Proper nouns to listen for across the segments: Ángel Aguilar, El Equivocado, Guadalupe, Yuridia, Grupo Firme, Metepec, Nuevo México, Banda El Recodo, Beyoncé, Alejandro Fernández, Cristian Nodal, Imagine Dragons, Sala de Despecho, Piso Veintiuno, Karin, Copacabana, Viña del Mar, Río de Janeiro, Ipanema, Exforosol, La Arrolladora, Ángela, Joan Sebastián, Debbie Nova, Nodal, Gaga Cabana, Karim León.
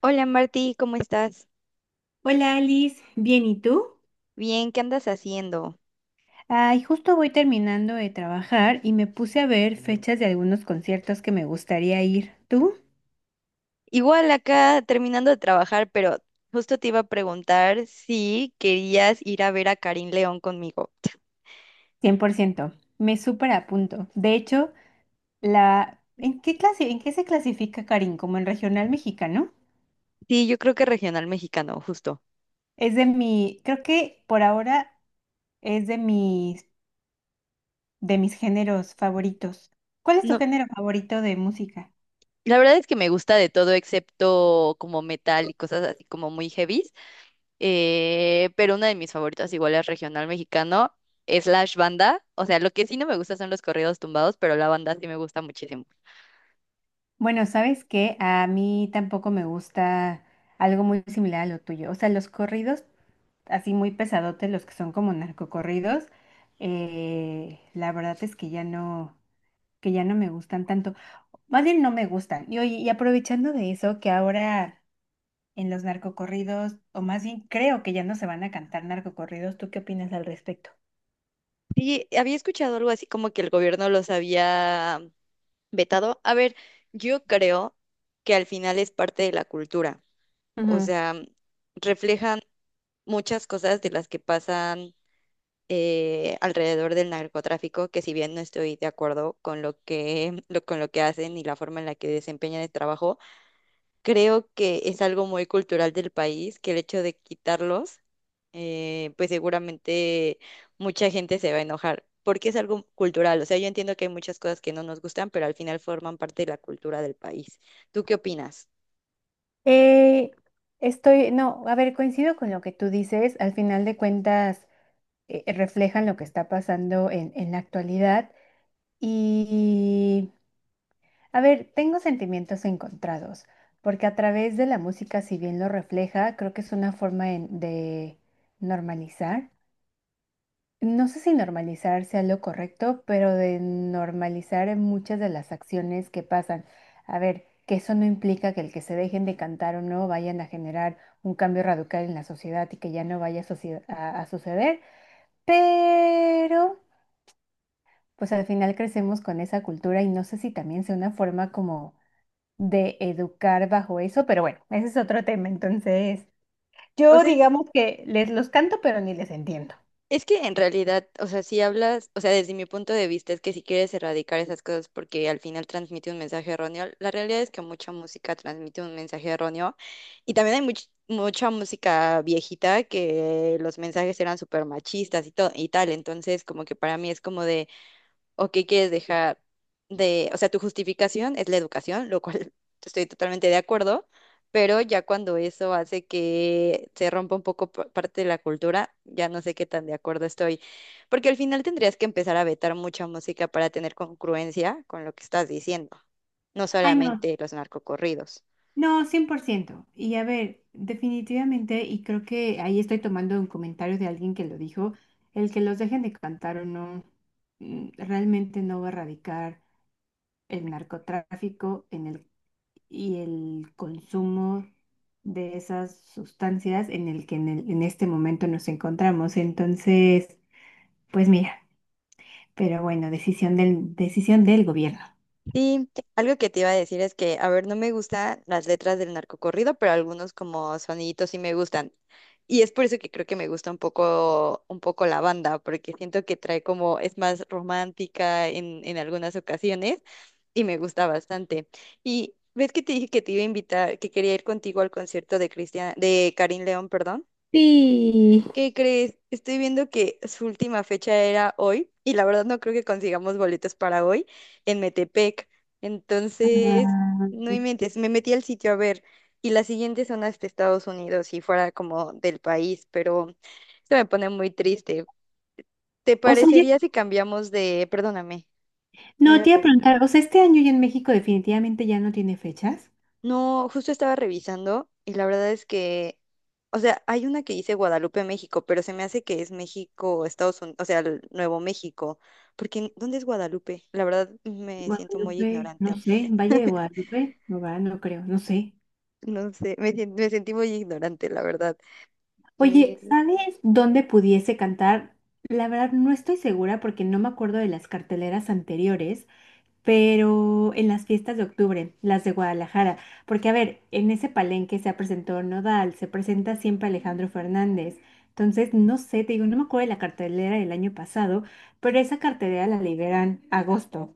Hola Martí, ¿cómo estás? Hola Alice, ¿bien y tú? Bien, ¿qué andas haciendo? Ay, justo voy terminando de trabajar y me puse a ver fechas de algunos conciertos que me gustaría ir. ¿Tú? Igual acá terminando de trabajar, pero justo te iba a preguntar si querías ir a ver a Karim León conmigo. 100%. Me súper apunto. De hecho, ¿En qué clase... ¿En qué se clasifica Karin? ¿Como en regional mexicano? Sí, yo creo que regional mexicano, justo. Creo que por ahora es de mis... de mis géneros favoritos. ¿Cuál es tu No, género favorito de música? la verdad es que me gusta de todo excepto como metal y cosas así como muy heavies, pero una de mis favoritas igual es regional mexicano, slash banda. O sea, lo que sí no me gusta son los corridos tumbados, pero la banda sí me gusta muchísimo. Bueno, ¿sabes qué? A mí tampoco me gusta algo muy similar a lo tuyo. O sea, los corridos así muy pesadotes, los que son como narcocorridos, la verdad es que ya no me gustan tanto. Más bien no me gustan. Y oye, y aprovechando de eso, que ahora en los narcocorridos, o más bien creo que ya no se van a cantar narcocorridos, ¿tú qué opinas al respecto? Sí, había escuchado algo así como que el gobierno los había vetado. A ver, yo creo que al final es parte de la cultura. O Ujú. sea, reflejan muchas cosas de las que pasan alrededor del narcotráfico, que si bien no estoy de acuerdo con con lo que hacen y la forma en la que desempeñan el trabajo, creo que es algo muy cultural del país, que el hecho de quitarlos, pues seguramente mucha gente se va a enojar, porque es algo cultural. O sea, yo entiendo que hay muchas cosas que no nos gustan, pero al final forman parte de la cultura del país. ¿Tú qué opinas? Eh, no, a ver, coincido con lo que tú dices. Al final de cuentas, reflejan lo que está pasando en la actualidad. Y A ver, tengo sentimientos encontrados, porque a través de la música, si bien lo refleja, creo que es una forma de normalizar. No sé si normalizar sea lo correcto, pero de normalizar en muchas de las acciones que pasan. A ver, que eso no implica que el que se dejen de cantar o no vayan a generar un cambio radical en la sociedad y que ya no vaya a, a suceder, pero pues al final crecemos con esa cultura y no sé si también sea una forma como de educar bajo eso, pero bueno, ese es otro tema. Entonces, O yo sea, digamos que les los canto, pero ni les entiendo. es que en realidad, o sea, si hablas, o sea, desde mi punto de vista es que si quieres erradicar esas cosas porque al final transmite un mensaje erróneo, la realidad es que mucha música transmite un mensaje erróneo y también hay mucha música viejita que los mensajes eran súper machistas y todo y tal, entonces como que para mí es como de o qué quieres dejar de, o sea, tu justificación es la educación, lo cual estoy totalmente de acuerdo, pero ya cuando eso hace que se rompa un poco parte de la cultura, ya no sé qué tan de acuerdo estoy, porque al final tendrías que empezar a vetar mucha música para tener congruencia con lo que estás diciendo, no Ay, no, solamente los narcocorridos. no, 100%. Y a ver, definitivamente, y creo que ahí estoy tomando un comentario de alguien que lo dijo, el que los dejen de cantar o no, realmente no va a erradicar el narcotráfico y el consumo de esas sustancias en el que en este momento nos encontramos. Entonces, pues mira. Pero bueno, decisión del gobierno. Sí, algo que te iba a decir es que, a ver, no me gustan las letras del narcocorrido, pero algunos como soniditos sí me gustan. Y es por eso que creo que me gusta un poco la banda, porque siento que trae como, es más romántica en algunas ocasiones y me gusta bastante. Y ves que te dije que te iba a invitar, que quería ir contigo al concierto de Cristian, de Karin León, perdón. Sí. ¿Qué crees? Estoy viendo que su última fecha era hoy y la verdad no creo que consigamos boletos para hoy en Metepec. Entonces, no Ay. inventes, me metí al sitio a ver y las siguientes son hasta Estados Unidos y fuera como del país, pero esto me pone muy triste. ¿Te O sea, parecería si cambiamos de, perdóname, me no, te ibas iba a... a preguntar, o sea, este año ya en México definitivamente ya no tiene fechas. No, justo estaba revisando y la verdad es que, o sea, hay una que dice Guadalupe, México, pero se me hace que es México, Estados Unidos, o sea, el Nuevo México, porque ¿dónde es Guadalupe? La verdad me siento muy Guadalupe, no ignorante. sé, Valle de Guadalupe, no va, no creo, no sé. No sé, me, me sentí muy ignorante, la verdad. Oye, Eh, ¿sabes dónde pudiese cantar? La verdad no estoy segura porque no me acuerdo de las carteleras anteriores, pero en las fiestas de octubre, las de Guadalajara, porque a ver, en ese palenque se presentó Nodal, se presenta siempre Alejandro Fernández. Entonces, no sé, te digo, no me acuerdo de la cartelera del año pasado, pero esa cartelera la liberan agosto.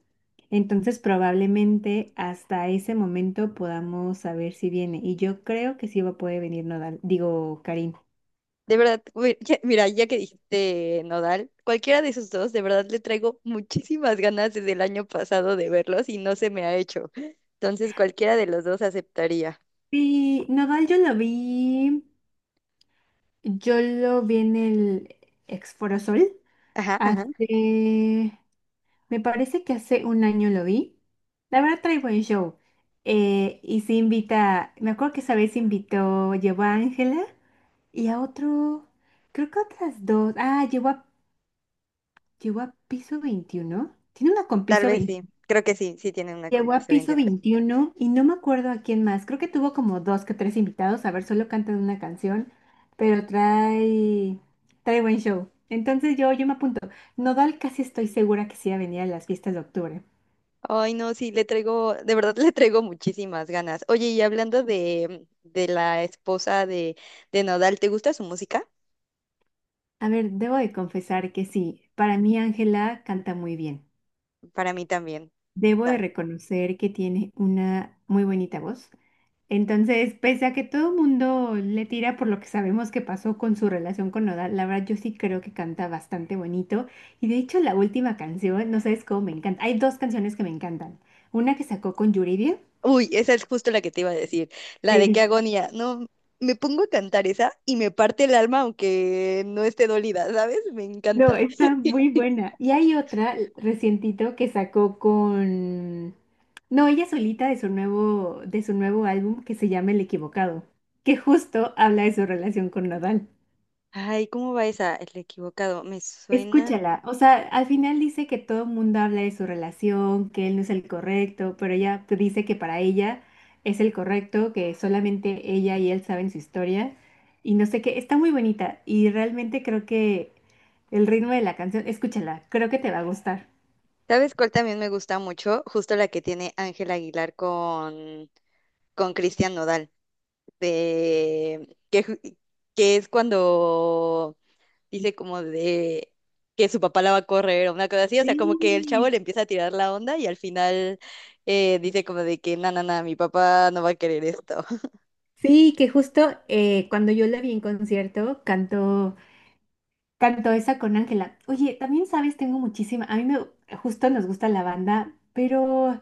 Entonces, probablemente hasta ese momento podamos saber si viene. Y yo creo que sí va a poder venir Nodal, digo, Karim. de verdad, güey, ya- mira, ya que dijiste Nodal, cualquiera de esos dos, de verdad le traigo muchísimas ganas desde el año pasado de verlos y no se me ha hecho. Entonces, cualquiera de los dos aceptaría. Sí, Nodal yo lo vi en el Exforosol Ajá, ajá. hace... Me parece que hace un año lo vi. La verdad trae buen show. Y se invita, me acuerdo que esa vez invitó, llevó a Ángela y a otro, creo que otras dos. Ah, llevó a piso veintiuno. Tiene una con Tal piso vez 20. sí, creo que sí, sí tienen una con Llevó a piso piso indiana. veintiuno y no me acuerdo a quién más. Creo que tuvo como dos que tres invitados. A ver, solo cantan una canción, pero trae buen show. Entonces yo me apunto. Nodal casi estoy segura que sí va a venir a las fiestas de octubre. Ay, no, sí, le traigo, de verdad le traigo muchísimas ganas. Oye, y hablando de la esposa de Nodal, ¿te gusta su música? A ver, debo de confesar que sí, para mí Ángela canta muy bien. Para mí también. Debo de Ta- reconocer que tiene una muy bonita voz. Entonces, pese a que todo el mundo le tira por lo que sabemos que pasó con su relación con Nodal, la verdad yo sí creo que canta bastante bonito. Y de hecho la última canción, no sabes cómo me encanta. Hay dos canciones que me encantan. Una que sacó con Yuridia. Uy, esa es justo la que te iba a decir, la de qué Sí. agonía. No, me pongo a cantar esa y me parte el alma aunque no esté dolida, ¿sabes? Me No, encanta. está muy buena. Y hay otra recientito que sacó con... No, ella solita de de su nuevo álbum que se llama El Equivocado, que justo habla de su relación con Nadal. Ay, ¿cómo va esa? El equivocado, me suena. Escúchala, o sea, al final dice que todo el mundo habla de su relación, que él no es el correcto, pero ella dice que para ella es el correcto, que solamente ella y él saben su historia, y no sé qué, está muy bonita, y realmente creo que el ritmo de la canción, escúchala, creo que te va a gustar. ¿Sabes cuál también me gusta mucho? Justo la que tiene Ángel Aguilar con Cristian Nodal, de que, ju- que es cuando dice como de que su papá la va a correr o una cosa así, o sea, como que el chavo Sí, le empieza a tirar la onda y al final dice como de que, no, no, no, mi papá no va a querer esto. sí, que justo cuando yo la vi en concierto, cantó esa con Ángela. Oye, también sabes, tengo muchísima, a mí me, justo nos gusta la banda, pero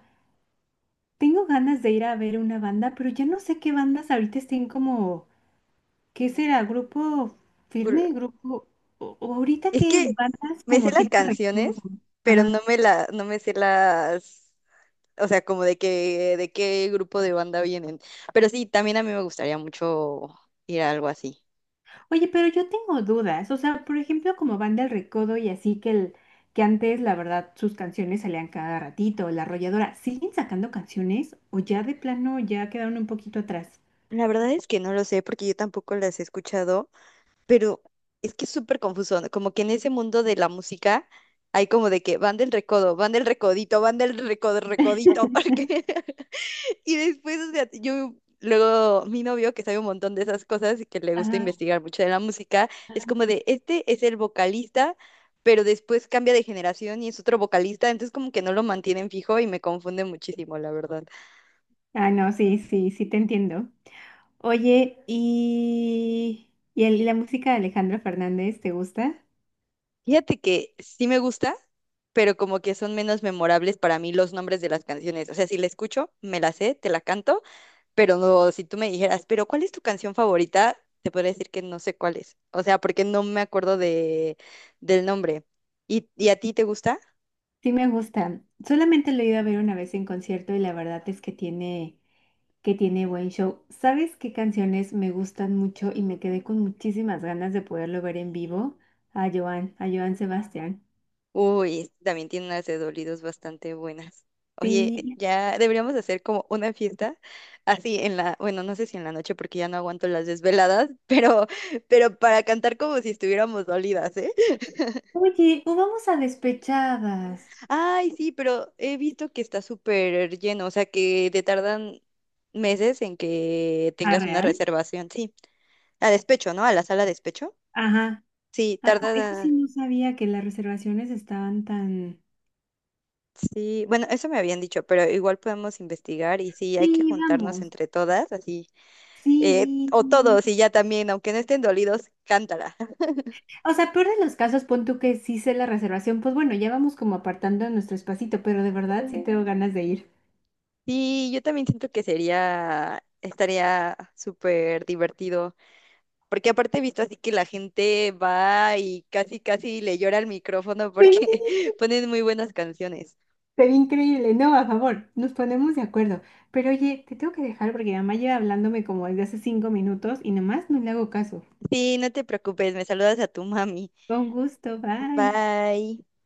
tengo ganas de ir a ver una banda, pero ya no sé qué bandas ahorita estén como, ¿qué será? ¿Grupo Ur- firme? ¿Grupo? O- ¿o ahorita es qué que bandas me sé como las tipo recodo? canciones, pero no Ajá. me la, no me sé las, o sea, como de que, de qué grupo de banda vienen. Pero sí, también a mí me gustaría mucho ir a algo así. Oye, pero yo tengo dudas, o sea, por ejemplo, como Banda El Recodo y así que el que antes, la verdad, sus canciones salían cada ratito, La Arrolladora, ¿siguen sacando canciones o ya de plano ya quedaron un poquito atrás? La verdad es que no lo sé porque yo tampoco las he escuchado, pero es que es súper confuso, ¿no? Como que en ese mundo de la música hay como de que van del recodo, van del recodito, van del recodo, recodito, porque... Y después, o sea, yo, luego mi novio que sabe un montón de esas cosas y que le gusta Ajá. investigar mucho de la música, es como de, este es el vocalista, pero después cambia de generación y es otro vocalista, entonces como que no lo mantienen fijo y me confunde muchísimo, la verdad. Ah, no, sí, sí, sí te entiendo. Oye, ¿y la música de Alejandro Fernández te gusta? Fíjate que sí me gusta, pero como que son menos memorables para mí los nombres de las canciones. O sea, si la escucho, me la sé, te la canto, pero no, si tú me dijeras, pero ¿cuál es tu canción favorita? Te podría decir que no sé cuál es. O sea, porque no me acuerdo de, del nombre. Y a ti te gusta? Sí me gusta. Solamente lo he ido a ver una vez en concierto y la verdad es que que tiene buen show. ¿Sabes qué canciones me gustan mucho y me quedé con muchísimas ganas de poderlo ver en vivo? A Joan Sebastián. Uy, también tiene unas de dolidos bastante buenas. Oye, Sí. ya deberíamos hacer como una fiesta así en la, bueno, no sé si en la noche porque ya no aguanto las desveladas, pero para cantar como si estuviéramos dolidas, ¿eh? Oye, o vamos a despechadas. Ay, sí, pero he visto que está súper lleno, o sea que te tardan meses en que ¿A tengas una real? reservación, sí, a despecho, ¿no? A la sala de despecho. Ajá. Sí, Eso sí tarda, no sabía que las reservaciones estaban tan... sí, bueno, eso me habían dicho, pero igual podemos investigar y sí, hay que Sí, juntarnos vamos. entre todas, así. Eh, Sí. o todos, y ya también, aunque no estén dolidos, cántala. O sea, peor de los casos, pon tú que sí sé la reservación, pues bueno, ya vamos como apartando nuestro espacito, pero de verdad sí tengo ganas de ir. Sí, yo también siento que sería, estaría súper divertido, porque aparte he visto así que la gente va y casi, casi le llora al micrófono Sí, porque ponen muy buenas canciones. sería increíble, no, a favor, nos ponemos de acuerdo. Pero oye, te tengo que dejar porque mi mamá lleva hablándome como desde hace 5 minutos y nomás no le hago caso. Sí, no te preocupes, me saludas a tu mami. Con gusto, bye. Bye.